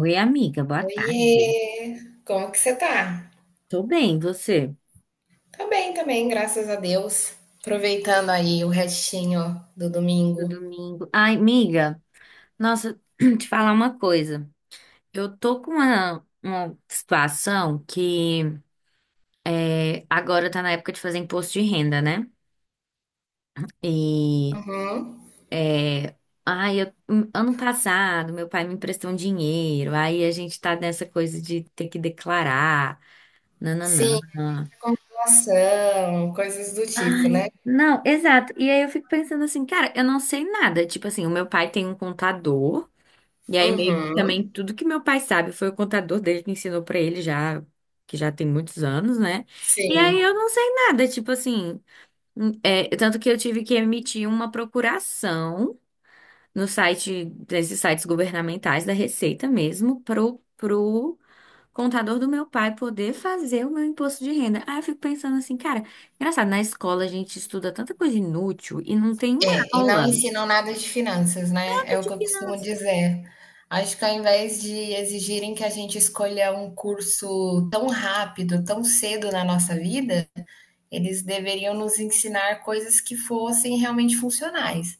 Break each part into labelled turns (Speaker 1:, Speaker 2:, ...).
Speaker 1: Oi, amiga, boa tarde.
Speaker 2: Oiê, como que você tá?
Speaker 1: Tô bem, você?
Speaker 2: Tá bem também, graças a Deus. Aproveitando aí o restinho do
Speaker 1: Do
Speaker 2: domingo.
Speaker 1: domingo. Ai, amiga, nossa, te falar uma coisa. Eu tô com uma situação que agora tá na época de fazer imposto de renda, né? E
Speaker 2: Uhum.
Speaker 1: é, ai, ano passado meu pai me emprestou um dinheiro, aí a gente tá nessa coisa de ter que declarar,
Speaker 2: Sim,
Speaker 1: nananã.
Speaker 2: acumulação, coisas do tipo, né?
Speaker 1: Ai, não, exato. E aí eu fico pensando assim, cara, eu não sei nada. Tipo assim, o meu pai tem um contador. E aí meio que
Speaker 2: Uhum.
Speaker 1: também tudo que meu pai sabe foi o contador dele que ensinou pra ele já, que já tem muitos anos, né? E
Speaker 2: Sim.
Speaker 1: aí eu não sei nada, tipo assim, é, tanto que eu tive que emitir uma procuração no site desses sites governamentais da Receita mesmo pro contador do meu pai poder fazer o meu imposto de renda. Aí eu fico pensando assim, cara, engraçado, na escola a gente estuda tanta coisa inútil e não tem uma
Speaker 2: É, e não
Speaker 1: aula
Speaker 2: ensinam nada de finanças, né? É o
Speaker 1: de
Speaker 2: que eu costumo
Speaker 1: finanças.
Speaker 2: dizer. Acho que ao invés de exigirem que a gente escolha um curso tão rápido, tão cedo na nossa vida, eles deveriam nos ensinar coisas que fossem realmente funcionais.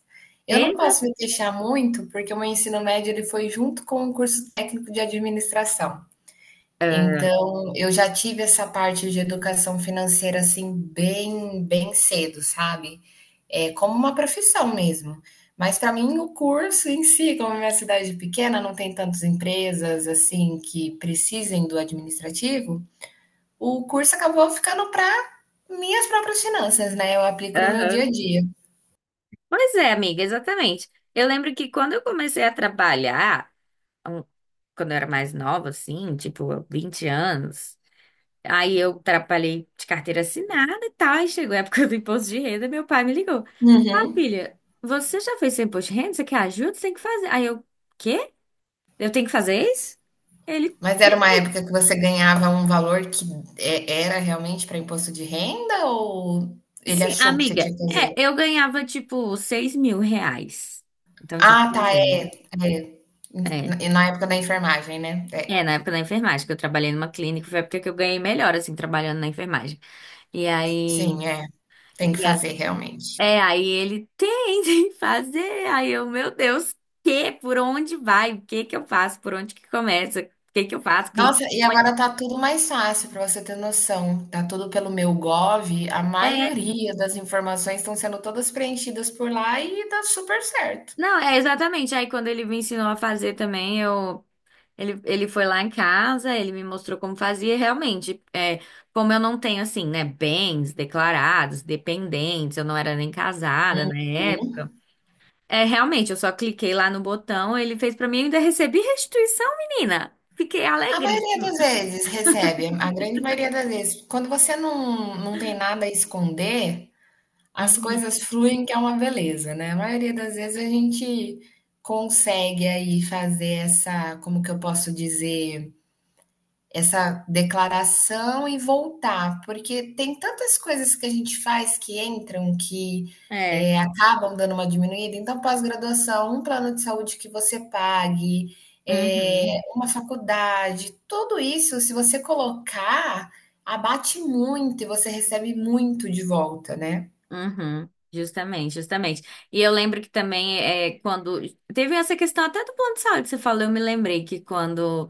Speaker 2: Eu não
Speaker 1: Exa-
Speaker 2: posso me queixar muito, porque o meu ensino médio ele foi junto com o curso técnico de administração. Então, eu já tive essa parte de educação financeira assim bem, bem cedo, sabe? É como uma profissão mesmo. Mas para mim o curso em si, como é minha cidade é pequena, não tem tantas empresas assim que precisem do administrativo, o curso acabou ficando para minhas próprias finanças, né? Eu aplico no meu dia a dia.
Speaker 1: Pois é, amiga, exatamente. Eu lembro que quando eu comecei a trabalhar, um- quando eu era mais nova, assim, tipo, 20 anos, aí eu trabalhei de carteira assinada e tal, aí chegou a época do imposto de renda, meu pai me ligou. Ah,
Speaker 2: Uhum.
Speaker 1: filha, você já fez seu imposto de renda? Você quer ajuda? Você tem que fazer. Aí eu, quê? Eu tenho que fazer isso? Ele,
Speaker 2: Mas era uma época que você ganhava um valor que era realmente para imposto de renda ou ele
Speaker 1: sim,
Speaker 2: achou que você
Speaker 1: amiga,
Speaker 2: tinha que
Speaker 1: é,
Speaker 2: fazer?
Speaker 1: eu ganhava, tipo, R$ 6.000. Então tinha que
Speaker 2: Ah, tá,
Speaker 1: fazer, né?
Speaker 2: é, é.
Speaker 1: É.
Speaker 2: Na época da enfermagem, né? É,
Speaker 1: É, na época da enfermagem, que eu trabalhei numa clínica, foi a época que eu ganhei melhor, assim, trabalhando na enfermagem. E aí.
Speaker 2: sim, é. Tem que
Speaker 1: e a-
Speaker 2: fazer realmente.
Speaker 1: é, aí ele tem tem que fazer. Aí eu, meu Deus, que? Por onde vai? O que que eu faço? Por onde que começa? O que que eu faço? Clica.
Speaker 2: Nossa, e
Speaker 1: onde-
Speaker 2: agora tá tudo mais fácil para você ter noção. Tá tudo pelo meu Gov, a
Speaker 1: É,
Speaker 2: maioria das informações estão sendo todas preenchidas por lá e tá super certo.
Speaker 1: não, é exatamente. Aí quando ele me ensinou a fazer também, eu. Ele foi lá em casa, ele me mostrou como fazia, e realmente, é, como eu não tenho, assim, né, bens declarados, dependentes, eu não era nem casada na
Speaker 2: Sim.
Speaker 1: época. É, realmente, eu só cliquei lá no botão, ele fez pra mim e ainda recebi restituição, menina. Fiquei
Speaker 2: A maioria
Speaker 1: alegríssima.
Speaker 2: das vezes recebe, a grande maioria das vezes. Quando você não tem nada a esconder, as
Speaker 1: Uhum.
Speaker 2: coisas fluem, que é uma beleza, né? A maioria das vezes a gente consegue aí fazer essa, como que eu posso dizer? Essa declaração e voltar, porque tem tantas coisas que a gente faz que entram, que,
Speaker 1: É.
Speaker 2: eh, acabam dando uma diminuída, então pós-graduação, um plano de saúde que você pague,
Speaker 1: Uhum.
Speaker 2: uma faculdade, tudo isso se você colocar, abate muito e você recebe muito de volta, né.
Speaker 1: Uhum, justamente, justamente. E eu lembro que também é quando teve essa questão até do plano de saúde que você falou, eu me lembrei que quando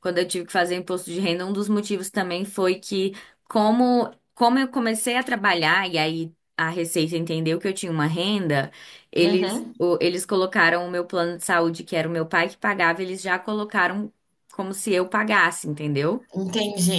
Speaker 1: quando eu tive que fazer imposto de renda, um dos motivos também foi que como eu comecei a trabalhar e aí a Receita entendeu que eu tinha uma renda,
Speaker 2: Uhum,
Speaker 1: eles colocaram o meu plano de saúde, que era o meu pai que pagava, eles já colocaram como se eu pagasse, entendeu?
Speaker 2: entendi.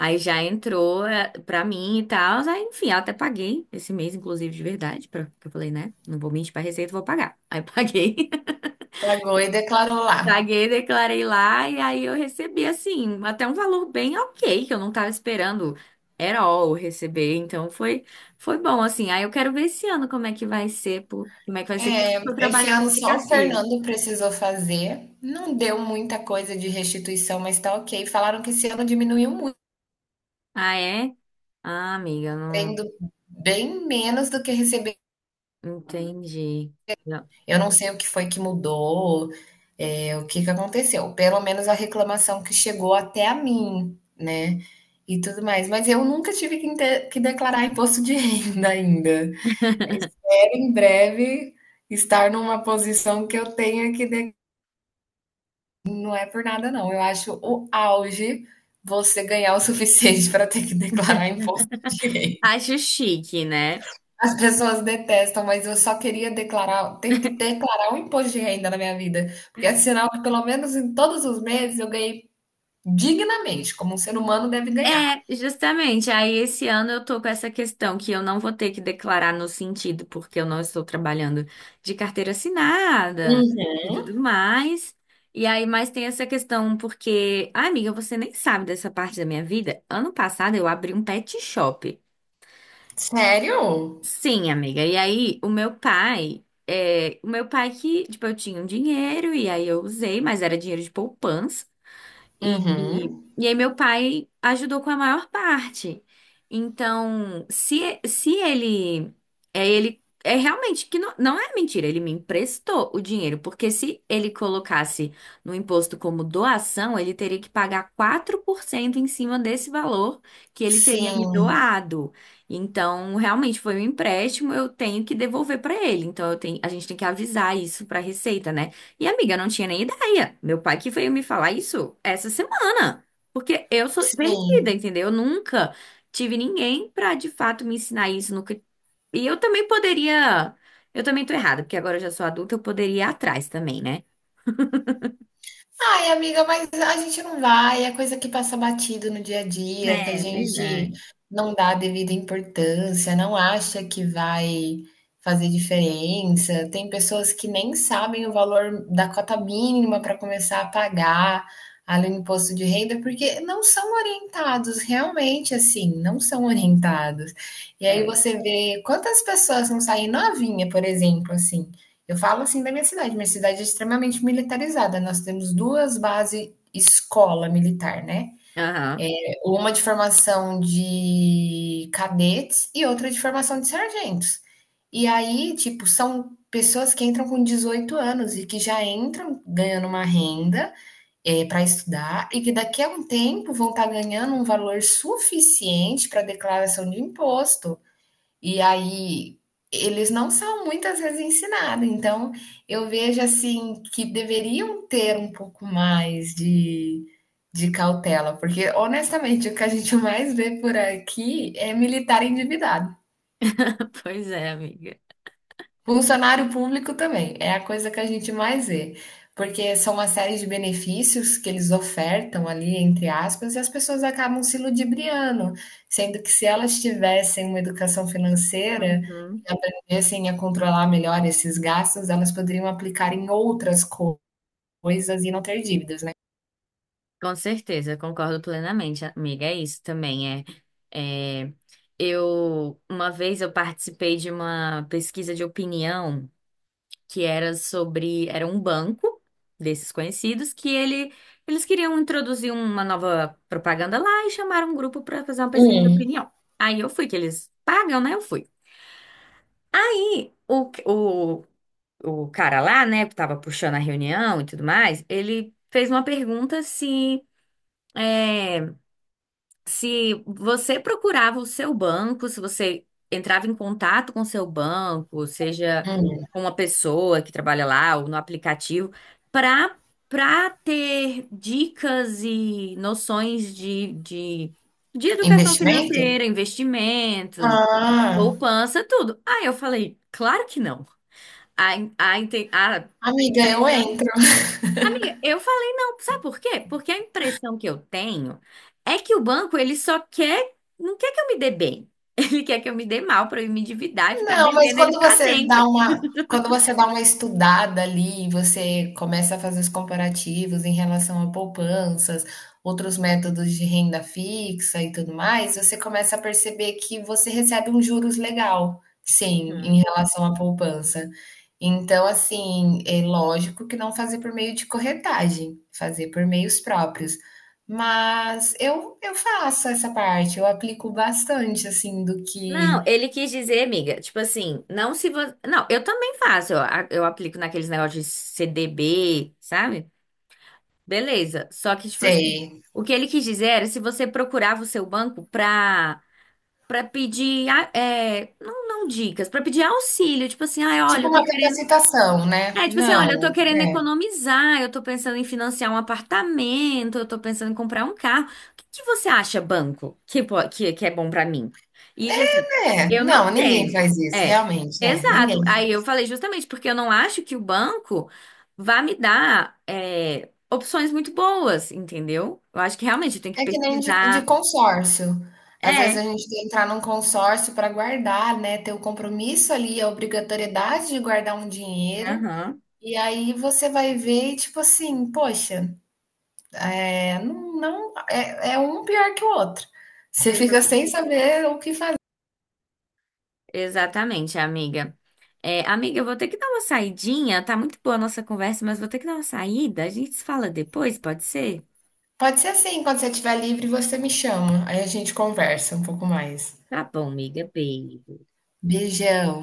Speaker 1: Aí já entrou eh, pra mim e tal. Aí, enfim, eu até paguei esse mês, inclusive, de verdade, pra, porque eu falei, né? Não vou mentir pra Receita, vou pagar. Aí paguei.
Speaker 2: Pagou e declarou lá.
Speaker 1: Paguei, declarei lá, e aí eu recebi, assim, até um valor bem ok, que eu não tava esperando at all receber. Então foi, foi bom, assim. Aí eu quero ver esse ano como é que vai ser, por, como é que vai ser, porque eu tô
Speaker 2: É, esse
Speaker 1: trabalhando
Speaker 2: ano
Speaker 1: de
Speaker 2: só o
Speaker 1: carteira.
Speaker 2: Fernando precisou fazer. Não deu muita coisa de restituição, mas tá ok. Falaram que esse ano diminuiu muito,
Speaker 1: Ah, é? Ah, amiga, não
Speaker 2: tendo bem menos do que receber.
Speaker 1: entendi. Não.
Speaker 2: Eu não sei o que foi que mudou, é, o que que aconteceu. Pelo menos a reclamação que chegou até a mim, né? E tudo mais. Mas eu nunca tive que declarar imposto de renda ainda. Espero em breve estar numa posição que eu tenha que. Não é por nada, não. Eu acho o auge você ganhar o suficiente para ter que declarar imposto de renda.
Speaker 1: Acho chique, né?
Speaker 2: As pessoas detestam, mas eu só queria declarar, ter que declarar um imposto de renda na minha vida, porque é sinal que pelo menos em todos os meses eu ganhei dignamente, como um ser humano deve ganhar.
Speaker 1: É, justamente. Aí esse ano eu tô com essa questão que eu não vou ter que declarar no sentido, porque eu não estou trabalhando de carteira assinada e
Speaker 2: Uhum.
Speaker 1: tudo mais. E aí, mas tem essa questão porque, ah, amiga, você nem sabe dessa parte da minha vida. Ano passado eu abri um pet shop.
Speaker 2: Sério?
Speaker 1: Sim, amiga. E aí, o meu pai, é, o meu pai que, tipo, eu tinha um dinheiro e aí eu usei, mas era dinheiro de poupança. E,
Speaker 2: Uhum.
Speaker 1: e, e aí meu pai ajudou com a maior parte. Então, se ele, é ele, é realmente que não, não é mentira, ele me emprestou o dinheiro, porque se ele colocasse no imposto como doação, ele teria que pagar 4% em cima desse valor que ele teria me
Speaker 2: Sim,
Speaker 1: doado. Então, realmente foi um empréstimo, eu tenho que devolver para ele. Então, eu tenho, a gente tem que avisar isso para a Receita, né? E amiga, eu não tinha nem ideia. Meu pai que veio me falar isso essa semana. Porque eu sou perdida,
Speaker 2: sim.
Speaker 1: entendeu? Eu nunca tive ninguém pra de fato me ensinar isso. Nunca... E eu também poderia. Eu também tô errada, porque agora eu já sou adulta, eu poderia ir atrás também, né?
Speaker 2: Ai, amiga, mas a gente não vai, é coisa que passa batido no dia a dia, que a
Speaker 1: É,
Speaker 2: gente
Speaker 1: verdade.
Speaker 2: não dá a devida importância, não acha que vai fazer diferença. Tem pessoas que nem sabem o valor da cota mínima para começar a pagar ali no imposto de renda, porque não são orientados, realmente assim, não são orientados. E aí
Speaker 1: É.
Speaker 2: você vê quantas pessoas não saem novinha, por exemplo, assim. Eu falo assim da minha cidade. Minha cidade é extremamente militarizada. Nós temos duas bases escola militar, né?
Speaker 1: Aham.
Speaker 2: Uma de formação de cadetes e outra de formação de sargentos. E aí, tipo, são pessoas que entram com 18 anos e que já entram ganhando uma renda para estudar e que daqui a um tempo vão estar ganhando um valor suficiente para declaração de imposto e aí eles não são muitas vezes ensinados. Então eu vejo assim que deveriam ter um pouco mais de cautela, porque honestamente o que a gente mais vê por aqui é militar endividado.
Speaker 1: Pois é, amiga.
Speaker 2: Funcionário público também, é a coisa que a gente mais vê, porque são uma série de benefícios que eles ofertam ali, entre aspas, e as pessoas acabam se ludibriando, sendo que se elas tivessem uma educação financeira
Speaker 1: Uhum.
Speaker 2: e aprendessem a controlar melhor esses gastos, elas poderiam aplicar em outras coisas e não ter dívidas, né?
Speaker 1: Com certeza, eu concordo plenamente, amiga. É isso também. É, é... Eu, uma vez eu participei de uma pesquisa de opinião. Que era sobre, era um banco desses conhecidos que ele eles queriam introduzir uma nova propaganda lá e chamaram um grupo para fazer uma pesquisa de
Speaker 2: Hum.
Speaker 1: opinião. Aí eu fui, que eles pagam, né? Eu fui. E o cara lá, né, que tava puxando a reunião e tudo mais, ele fez uma pergunta se é, se você procurava o seu banco, se você entrava em contato com o seu banco, seja com uma pessoa que trabalha lá ou no aplicativo, para para ter dicas e noções de educação
Speaker 2: Investimento?
Speaker 1: financeira, investimentos,
Speaker 2: Ah,
Speaker 1: poupança, tudo. Aí eu falei, claro que não. A, a, inte- a, a
Speaker 2: amiga, eu
Speaker 1: impressão
Speaker 2: entro.
Speaker 1: amiga, eu falei não. Sabe por quê? Porque a impressão que eu tenho é que o banco, ele só quer, não quer que eu me dê bem. Ele quer que eu me dê mal para eu me endividar e ficar
Speaker 2: Não, mas
Speaker 1: devendo ele
Speaker 2: quando
Speaker 1: para
Speaker 2: você dá
Speaker 1: sempre.
Speaker 2: uma, quando você dá uma estudada ali, você começa a fazer os comparativos em relação a poupanças, outros métodos de renda fixa e tudo mais, você começa a perceber que você recebe um juros legal, sim, em
Speaker 1: Uhum.
Speaker 2: relação à poupança. Então, assim, é lógico que não fazer por meio de corretagem, fazer por meios próprios. Mas eu faço essa parte, eu aplico bastante, assim, do que
Speaker 1: Não, ele quis dizer, amiga, tipo assim, não se você. Não, eu também faço, eu, eu aplico naqueles negócios de CDB, sabe? Beleza. Só que, tipo assim,
Speaker 2: sei.
Speaker 1: o que ele quis dizer era se você procurava o seu banco pra, pra pedir, ah, é, não, não dicas, pra pedir auxílio, tipo assim, ai, olha,
Speaker 2: Tipo
Speaker 1: eu tô
Speaker 2: uma
Speaker 1: querendo.
Speaker 2: capacitação, né.
Speaker 1: É, tipo assim, olha, eu tô
Speaker 2: Não.
Speaker 1: querendo economizar, eu tô pensando em financiar um apartamento, eu tô pensando em comprar um carro. O que que você acha, banco, que é bom pra mim? E tipo assim,
Speaker 2: É,
Speaker 1: eu não
Speaker 2: não, ninguém
Speaker 1: tenho.
Speaker 2: faz isso,
Speaker 1: É,
Speaker 2: realmente, é,
Speaker 1: exato.
Speaker 2: ninguém
Speaker 1: Aí
Speaker 2: faz.
Speaker 1: eu falei justamente porque eu não acho que o banco vá me dar é, opções muito boas, entendeu? Eu acho que realmente eu tenho que
Speaker 2: É que nem de
Speaker 1: pesquisar.
Speaker 2: consórcio. Às vezes
Speaker 1: É,
Speaker 2: a gente tem que entrar num consórcio para guardar, né, ter o compromisso ali, a obrigatoriedade de guardar um dinheiro,
Speaker 1: aham.
Speaker 2: e aí você vai ver tipo assim, poxa, eh, não é um pior que o outro. Você fica sem saber o que fazer.
Speaker 1: Exatamente, amiga. É, amiga, eu vou ter que dar uma saidinha. Tá muito boa a nossa conversa, mas vou ter que dar uma saída. A gente se fala depois, pode ser?
Speaker 2: Pode ser assim, quando você estiver livre você me chama, aí a gente conversa um pouco mais.
Speaker 1: Tá bom, amiga. Beijo.
Speaker 2: Beijão.